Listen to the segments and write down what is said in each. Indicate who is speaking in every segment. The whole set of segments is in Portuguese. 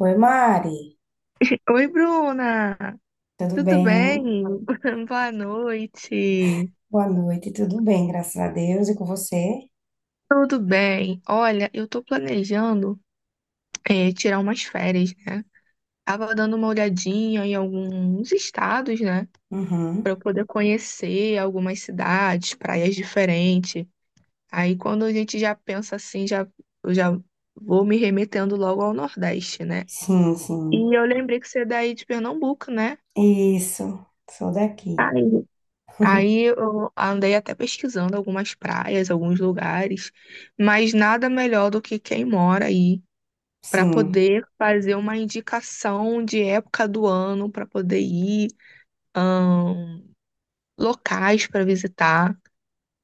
Speaker 1: Oi, Mari.
Speaker 2: Oi, Bruna!
Speaker 1: Tudo
Speaker 2: Tudo
Speaker 1: bem?
Speaker 2: bem? Boa noite!
Speaker 1: Boa noite, tudo bem, graças a Deus. E com você?
Speaker 2: Tudo bem? Olha, eu tô planejando tirar umas férias, né? Tava dando uma olhadinha em alguns estados, né? Pra eu
Speaker 1: Uhum.
Speaker 2: poder conhecer algumas cidades, praias diferentes. Aí quando a gente já pensa assim, já, eu já vou me remetendo logo ao Nordeste, né?
Speaker 1: Sim, sim.
Speaker 2: E eu lembrei que você é daí de Pernambuco, né?
Speaker 1: Isso, sou daqui.
Speaker 2: Ai, aí eu andei até pesquisando algumas praias, alguns lugares, mas nada melhor do que quem mora aí para
Speaker 1: Sim,
Speaker 2: poder fazer uma indicação de época do ano para poder ir, ahn, locais para visitar,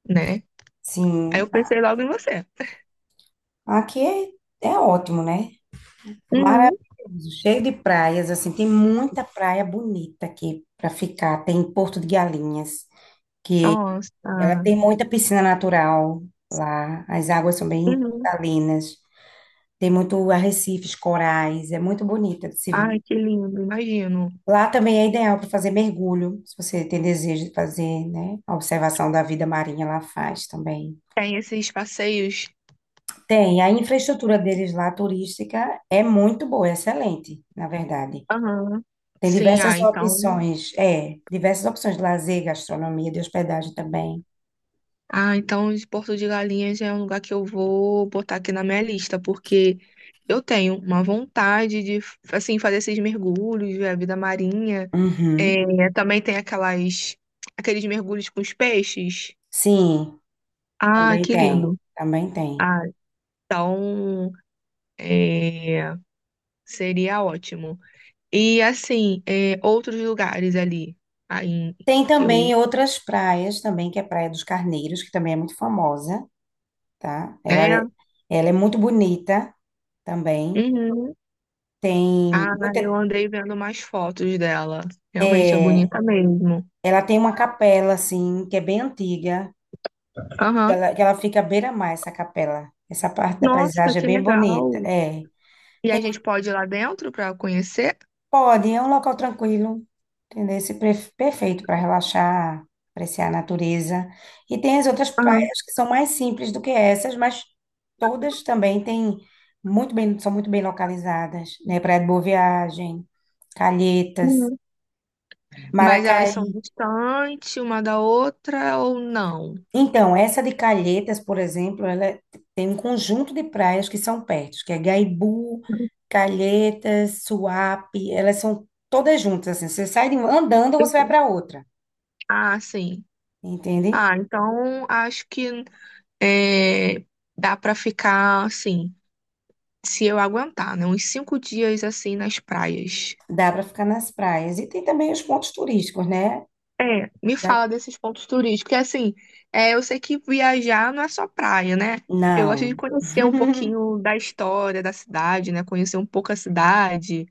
Speaker 2: né? Aí
Speaker 1: sim.
Speaker 2: eu pensei logo em você.
Speaker 1: Aqui é ótimo, né?
Speaker 2: Uhum.
Speaker 1: Maravilhoso, cheio de praias, assim, tem muita praia bonita aqui para ficar. Tem Porto de Galinhas, que ela tem
Speaker 2: Nossa.
Speaker 1: muita piscina natural lá, as águas são bem
Speaker 2: Uhum.
Speaker 1: cristalinas, tem muito arrecifes, corais, é muito bonita de se ver.
Speaker 2: Ai, que lindo, imagino.
Speaker 1: Lá também é ideal para fazer mergulho, se você tem desejo de fazer, né? A observação da vida marinha lá faz também.
Speaker 2: Tem esses passeios.
Speaker 1: Tem, a infraestrutura deles lá, turística, é muito boa, é excelente, na verdade.
Speaker 2: Aham.
Speaker 1: Tem
Speaker 2: Sim,
Speaker 1: diversas
Speaker 2: ah, então.
Speaker 1: opções, é, diversas opções de lazer, gastronomia, de hospedagem também.
Speaker 2: Ah, então esse Porto de Galinhas é um lugar que eu vou botar aqui na minha lista, porque eu tenho uma vontade de, assim, fazer esses mergulhos, ver a vida marinha.
Speaker 1: Uhum.
Speaker 2: É, também tem aquelas, aqueles mergulhos com os peixes.
Speaker 1: Sim,
Speaker 2: Ah,
Speaker 1: também
Speaker 2: que
Speaker 1: tem,
Speaker 2: lindo.
Speaker 1: também tem.
Speaker 2: Ah, então, é, seria ótimo. E, assim, é, outros lugares ali, aí,
Speaker 1: Tem
Speaker 2: que eu...
Speaker 1: também outras praias também, que é a Praia dos Carneiros, que também é muito famosa, tá? Ela
Speaker 2: É,
Speaker 1: é, ela é muito bonita também.
Speaker 2: uhum.
Speaker 1: Tem
Speaker 2: Ah,
Speaker 1: muita,
Speaker 2: eu andei vendo mais fotos dela. Realmente é bonita mesmo.
Speaker 1: ela tem uma capela assim, que é bem antiga, que
Speaker 2: Aham.
Speaker 1: ela, que ela fica à beira-mar, essa capela. Essa parte da
Speaker 2: Nossa,
Speaker 1: paisagem é
Speaker 2: que
Speaker 1: bem bonita.
Speaker 2: legal.
Speaker 1: É,
Speaker 2: E a gente pode ir lá dentro pra conhecer,
Speaker 1: pode, é um local tranquilo, entendeu? Perfeito para relaxar, apreciar a natureza. E tem as outras
Speaker 2: Ah,
Speaker 1: praias que são mais simples do que essas, mas todas também têm muito bem, são muito bem localizadas, né? Praia de Boa Viagem, Calhetas,
Speaker 2: uhum. Mas elas são
Speaker 1: Maracaí.
Speaker 2: distantes uma da outra ou não?
Speaker 1: Então, essa de Calhetas, por exemplo, tem um conjunto de praias que são perto, que é Gaibu, Calhetas, Suape, elas são todas juntas, assim, você sai de uma, andando, você vai para outra,
Speaker 2: Ah, sim.
Speaker 1: entende?
Speaker 2: Ah, então acho que é, dá pra ficar assim, se eu aguentar, né? Uns 5 dias assim nas praias.
Speaker 1: Dá para ficar nas praias. E tem também os pontos turísticos, né?
Speaker 2: É, me
Speaker 1: Da-
Speaker 2: fala desses pontos turísticos. Porque, assim, é, eu sei que viajar não é só praia, né? Eu gosto de
Speaker 1: Não.
Speaker 2: conhecer um pouquinho da história da cidade, né? Conhecer um pouco a cidade.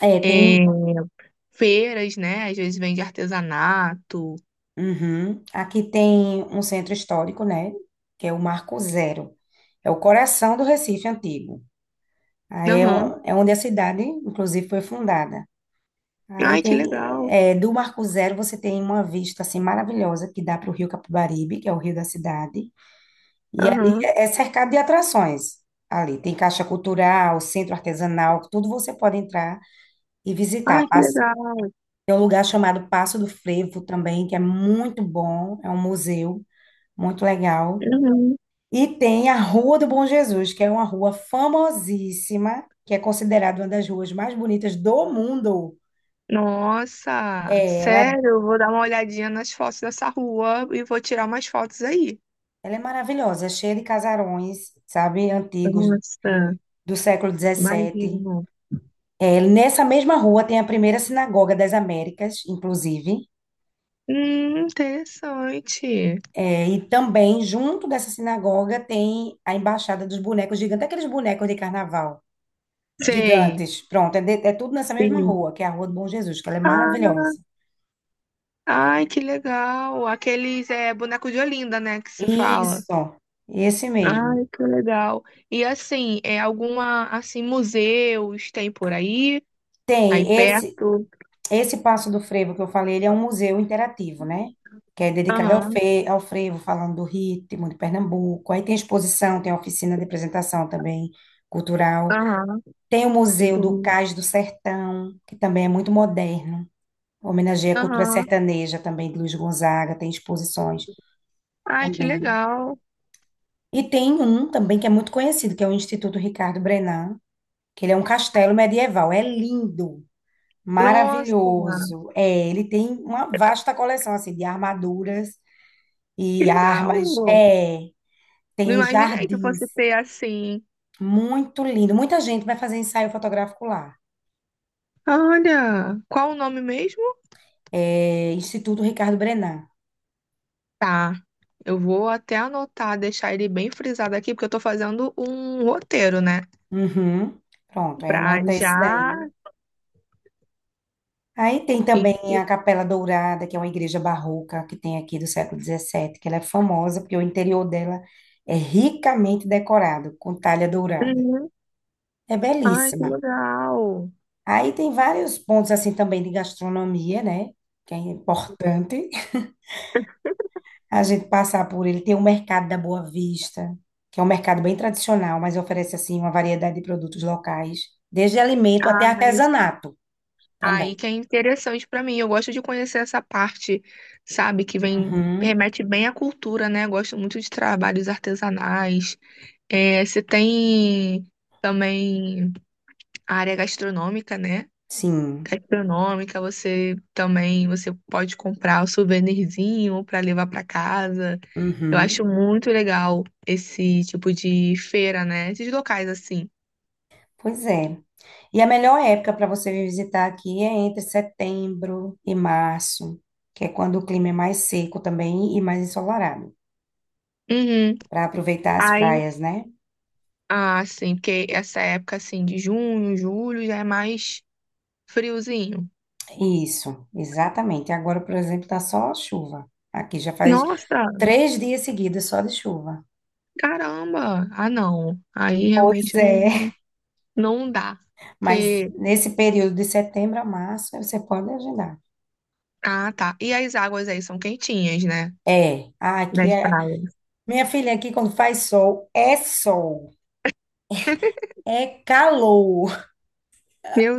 Speaker 1: É,
Speaker 2: É,
Speaker 1: tem.
Speaker 2: feiras, né? Às vezes vende artesanato.
Speaker 1: Uhum. Aqui tem um centro histórico, né? Que é o Marco Zero. É o coração do Recife antigo. Aí é,
Speaker 2: Aham.
Speaker 1: é onde a cidade, inclusive, foi fundada. Aí
Speaker 2: Ai, que
Speaker 1: tem,
Speaker 2: legal.
Speaker 1: é, do Marco Zero você tem uma vista assim maravilhosa que dá para o Rio Capibaribe, que é o rio da cidade, e ali
Speaker 2: Aham.
Speaker 1: é cercado de atrações. Ali tem caixa cultural, centro artesanal, tudo você pode entrar e
Speaker 2: Ai,
Speaker 1: visitar.
Speaker 2: que legal.
Speaker 1: Tem um lugar chamado Passo do Frevo também, que é muito bom, é um museu muito legal.
Speaker 2: Uhum.
Speaker 1: E tem a Rua do Bom Jesus, que é uma rua famosíssima, que é considerada uma das ruas mais bonitas do mundo.
Speaker 2: Nossa,
Speaker 1: É, ela
Speaker 2: sério, eu vou dar uma olhadinha nas fotos dessa rua e vou tirar umas fotos aí.
Speaker 1: Ela é maravilhosa, é cheia de casarões, sabe, antigos
Speaker 2: Nossa,
Speaker 1: do século XVII.
Speaker 2: imagino.
Speaker 1: É, nessa mesma rua tem a primeira sinagoga das Américas, inclusive.
Speaker 2: Interessante.
Speaker 1: É, e também, junto dessa sinagoga, tem a Embaixada dos Bonecos Gigantes, aqueles bonecos de carnaval
Speaker 2: Sim,
Speaker 1: gigantes. Pronto, é tudo nessa mesma
Speaker 2: sim.
Speaker 1: rua, que é a Rua do Bom Jesus, que ela é
Speaker 2: Ah,
Speaker 1: maravilhosa.
Speaker 2: ai, que legal. Aqueles é boneco de Olinda, né, que se fala.
Speaker 1: Isso, esse mesmo.
Speaker 2: Ai, que legal. E assim, é alguma assim museus tem por aí, aí
Speaker 1: Tem esse.
Speaker 2: perto.
Speaker 1: Esse Passo do Frevo que eu falei, ele é um museu interativo, né? Que é dedicado
Speaker 2: Aham,
Speaker 1: ao frevo, falando do ritmo de Pernambuco. Aí tem exposição, tem oficina de apresentação também cultural.
Speaker 2: aham,
Speaker 1: Tem o Museu do
Speaker 2: entendi.
Speaker 1: Cais do Sertão, que também é muito moderno. Homenageia a cultura
Speaker 2: Aham.
Speaker 1: sertaneja também de Luiz Gonzaga, tem exposições
Speaker 2: Ai, que
Speaker 1: também.
Speaker 2: legal.
Speaker 1: E tem um também que é muito conhecido, que é o Instituto Ricardo Brennand, que ele é um castelo medieval. É lindo.
Speaker 2: Nossa,
Speaker 1: Maravilhoso. É, ele tem uma vasta coleção assim de armaduras
Speaker 2: que
Speaker 1: e
Speaker 2: legal.
Speaker 1: armas. É,
Speaker 2: Não
Speaker 1: tem
Speaker 2: imaginei que fosse
Speaker 1: jardins.
Speaker 2: ter assim.
Speaker 1: Muito lindo. Muita gente vai fazer ensaio fotográfico lá.
Speaker 2: Olha, qual o nome mesmo?
Speaker 1: É, Instituto Ricardo Brennand.
Speaker 2: Tá. Eu vou até anotar, deixar ele bem frisado aqui, porque eu tô fazendo um roteiro, né?
Speaker 1: Uhum. Pronto, aí
Speaker 2: Pra
Speaker 1: anota esse
Speaker 2: já.
Speaker 1: daí. Aí tem
Speaker 2: em-
Speaker 1: também a Capela Dourada, que é uma igreja barroca que tem aqui do século XVII que ela é famosa porque o interior dela é ricamente decorado com talha dourada.
Speaker 2: Uhum.
Speaker 1: É
Speaker 2: Ai, que
Speaker 1: belíssima.
Speaker 2: legal!
Speaker 1: Aí tem vários pontos assim também de gastronomia, né? Que é importante a gente passar por ele. Tem o mercado da Boa Vista, que é um mercado bem tradicional, mas oferece assim uma variedade de produtos locais, desde alimento até
Speaker 2: Ah, isso-
Speaker 1: artesanato também.
Speaker 2: Aí que é interessante pra mim. Eu gosto de conhecer essa parte, sabe, que vem
Speaker 1: Uhum,
Speaker 2: remete bem à cultura, né? Gosto muito de trabalhos artesanais. É, você tem também a área gastronômica, né?
Speaker 1: sim.
Speaker 2: Gastronômica, você pode comprar o souvenirzinho para levar para casa. Eu
Speaker 1: Uhum.
Speaker 2: acho muito legal esse tipo de feira, né? Esses locais assim.
Speaker 1: Pois é. E a melhor época para você vir visitar aqui é entre setembro e março, que é quando o clima é mais seco também e mais ensolarado,
Speaker 2: Uhum.
Speaker 1: para aproveitar as
Speaker 2: Aí,
Speaker 1: praias, né?
Speaker 2: ah, sim, porque essa época assim de junho, julho já é mais friozinho.
Speaker 1: Isso, exatamente. Agora, por exemplo, tá só chuva. Aqui já faz
Speaker 2: Nossa,
Speaker 1: 3 dias seguidos só de chuva.
Speaker 2: caramba. Ah, não. Aí
Speaker 1: Pois
Speaker 2: realmente
Speaker 1: é,
Speaker 2: não dá.
Speaker 1: mas
Speaker 2: Porque
Speaker 1: nesse período de setembro a março, você pode agendar.
Speaker 2: ah, tá. E as águas aí são quentinhas, né?
Speaker 1: É, aqui
Speaker 2: Das
Speaker 1: é.
Speaker 2: praias.
Speaker 1: Minha filha, aqui quando faz sol, é calor.
Speaker 2: Meu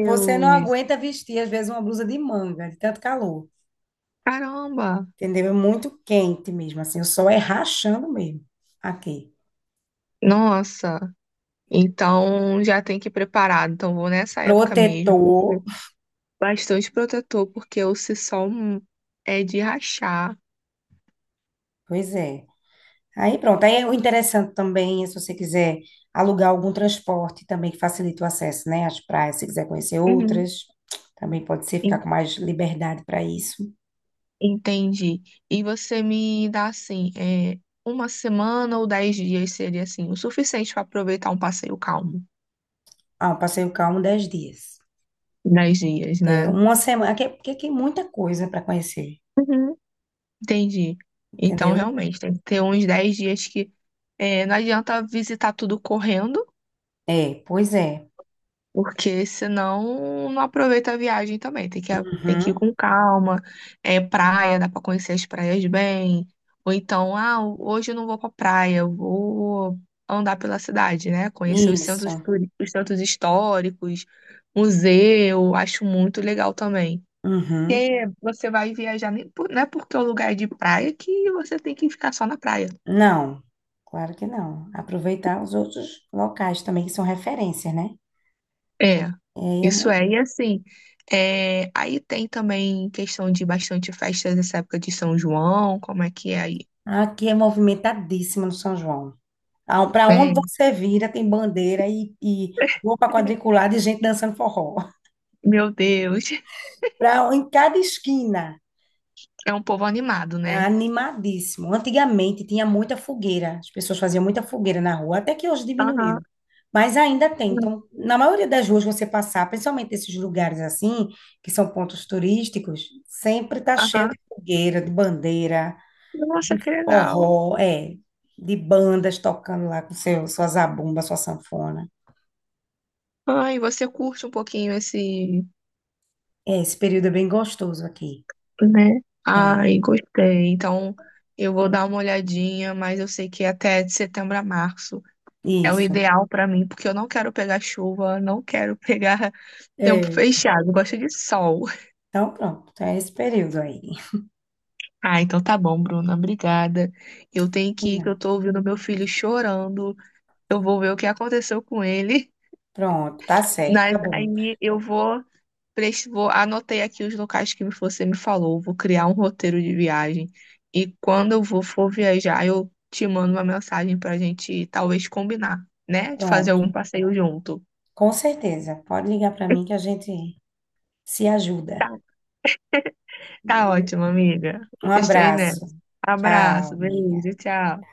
Speaker 1: Você não aguenta vestir, às vezes, uma blusa de manga, de tanto calor.
Speaker 2: Caramba!
Speaker 1: Entendeu? É muito quente mesmo, assim, o sol é rachando mesmo aqui.
Speaker 2: Nossa! Então já tem que ir preparado. Então vou nessa época mesmo,
Speaker 1: Protetor,
Speaker 2: porque bastante protetor, porque o sol é de rachar.
Speaker 1: pois é. Aí pronto. Aí o interessante também é se você quiser alugar algum transporte também que facilite o acesso, né, às praias, se quiser conhecer
Speaker 2: Uhum.
Speaker 1: outras, também pode ser ficar
Speaker 2: En-
Speaker 1: com mais liberdade para isso.
Speaker 2: Entendi. E você me dá assim, é, uma semana ou 10 dias seria assim, o suficiente para aproveitar um passeio calmo.
Speaker 1: Ah, um passeio calmo 10 dias.
Speaker 2: 10 dias,
Speaker 1: É,
Speaker 2: né?
Speaker 1: uma semana, é, porque tem muita coisa para conhecer,
Speaker 2: Uhum. Entendi. Então
Speaker 1: entendeu?
Speaker 2: realmente tem que ter uns 10 dias que é, não adianta visitar tudo correndo.
Speaker 1: É, pois é.
Speaker 2: Porque senão não aproveita a viagem também. Tem que ir
Speaker 1: Uhum.
Speaker 2: com calma. É praia, dá pra conhecer as praias bem. Ou então, ah, hoje eu não vou pra praia, eu vou andar pela cidade, né? Conhecer os centros,
Speaker 1: Isso.
Speaker 2: os centros históricos, museu, acho muito legal também.
Speaker 1: Uhum.
Speaker 2: Porque você vai viajar, nem por- não é porque é um lugar é de praia que você tem que ficar só na praia.
Speaker 1: Não, claro que não. Aproveitar os outros locais também que são referências, né?
Speaker 2: É,
Speaker 1: É, é
Speaker 2: isso
Speaker 1: mo-
Speaker 2: é. E assim, é, aí tem também questão de bastante festas nessa época de São João, como é que é aí?
Speaker 1: Aqui é movimentadíssimo no São João. Para onde
Speaker 2: É,
Speaker 1: você vira, tem bandeira e roupa quadriculada e gente dançando forró.
Speaker 2: meu Deus,
Speaker 1: Em cada esquina,
Speaker 2: é um povo animado,
Speaker 1: é
Speaker 2: né?
Speaker 1: animadíssimo. Antigamente tinha muita fogueira, as pessoas faziam muita fogueira na rua, até que hoje
Speaker 2: Aham,
Speaker 1: diminuiu. Mas ainda tem. Então, na maioria das ruas você passar, principalmente esses lugares assim, que são pontos turísticos, sempre tá cheio
Speaker 2: aham.
Speaker 1: de fogueira, de bandeira, de
Speaker 2: Nossa, que legal.
Speaker 1: forró, é, de bandas tocando lá com sua zabumba, sua sanfona.
Speaker 2: Ai, você curte um pouquinho esse,
Speaker 1: É, esse período é bem gostoso aqui.
Speaker 2: né?
Speaker 1: É,
Speaker 2: Ai, gostei. Então, eu vou dar uma olhadinha, mas eu sei que até de setembro a março é o
Speaker 1: isso.
Speaker 2: ideal pra mim, porque eu não quero pegar chuva, não quero pegar tempo
Speaker 1: É.
Speaker 2: fechado, eu gosto de sol.
Speaker 1: Então, pronto, tá esse período aí.
Speaker 2: Ah, então tá bom, Bruna. Obrigada. Eu tenho que ir, que
Speaker 1: Hum,
Speaker 2: eu tô ouvindo meu filho chorando. Eu vou ver o que aconteceu com ele.
Speaker 1: Pronto, tá certo, tá
Speaker 2: Mas
Speaker 1: bom.
Speaker 2: aí eu vou, vou anotei aqui os locais que você me falou. Vou criar um roteiro de viagem. E quando eu vou for viajar, eu te mando uma mensagem pra gente talvez combinar, né? De fazer algum
Speaker 1: Pronto,
Speaker 2: passeio junto.
Speaker 1: com certeza. Pode ligar para mim que a gente se ajuda,
Speaker 2: Tá
Speaker 1: viu?
Speaker 2: ótimo, amiga.
Speaker 1: Um
Speaker 2: Estou aí
Speaker 1: abraço.
Speaker 2: nessa.
Speaker 1: Tchau,
Speaker 2: Abraço, beijo,
Speaker 1: amiga.
Speaker 2: tchau.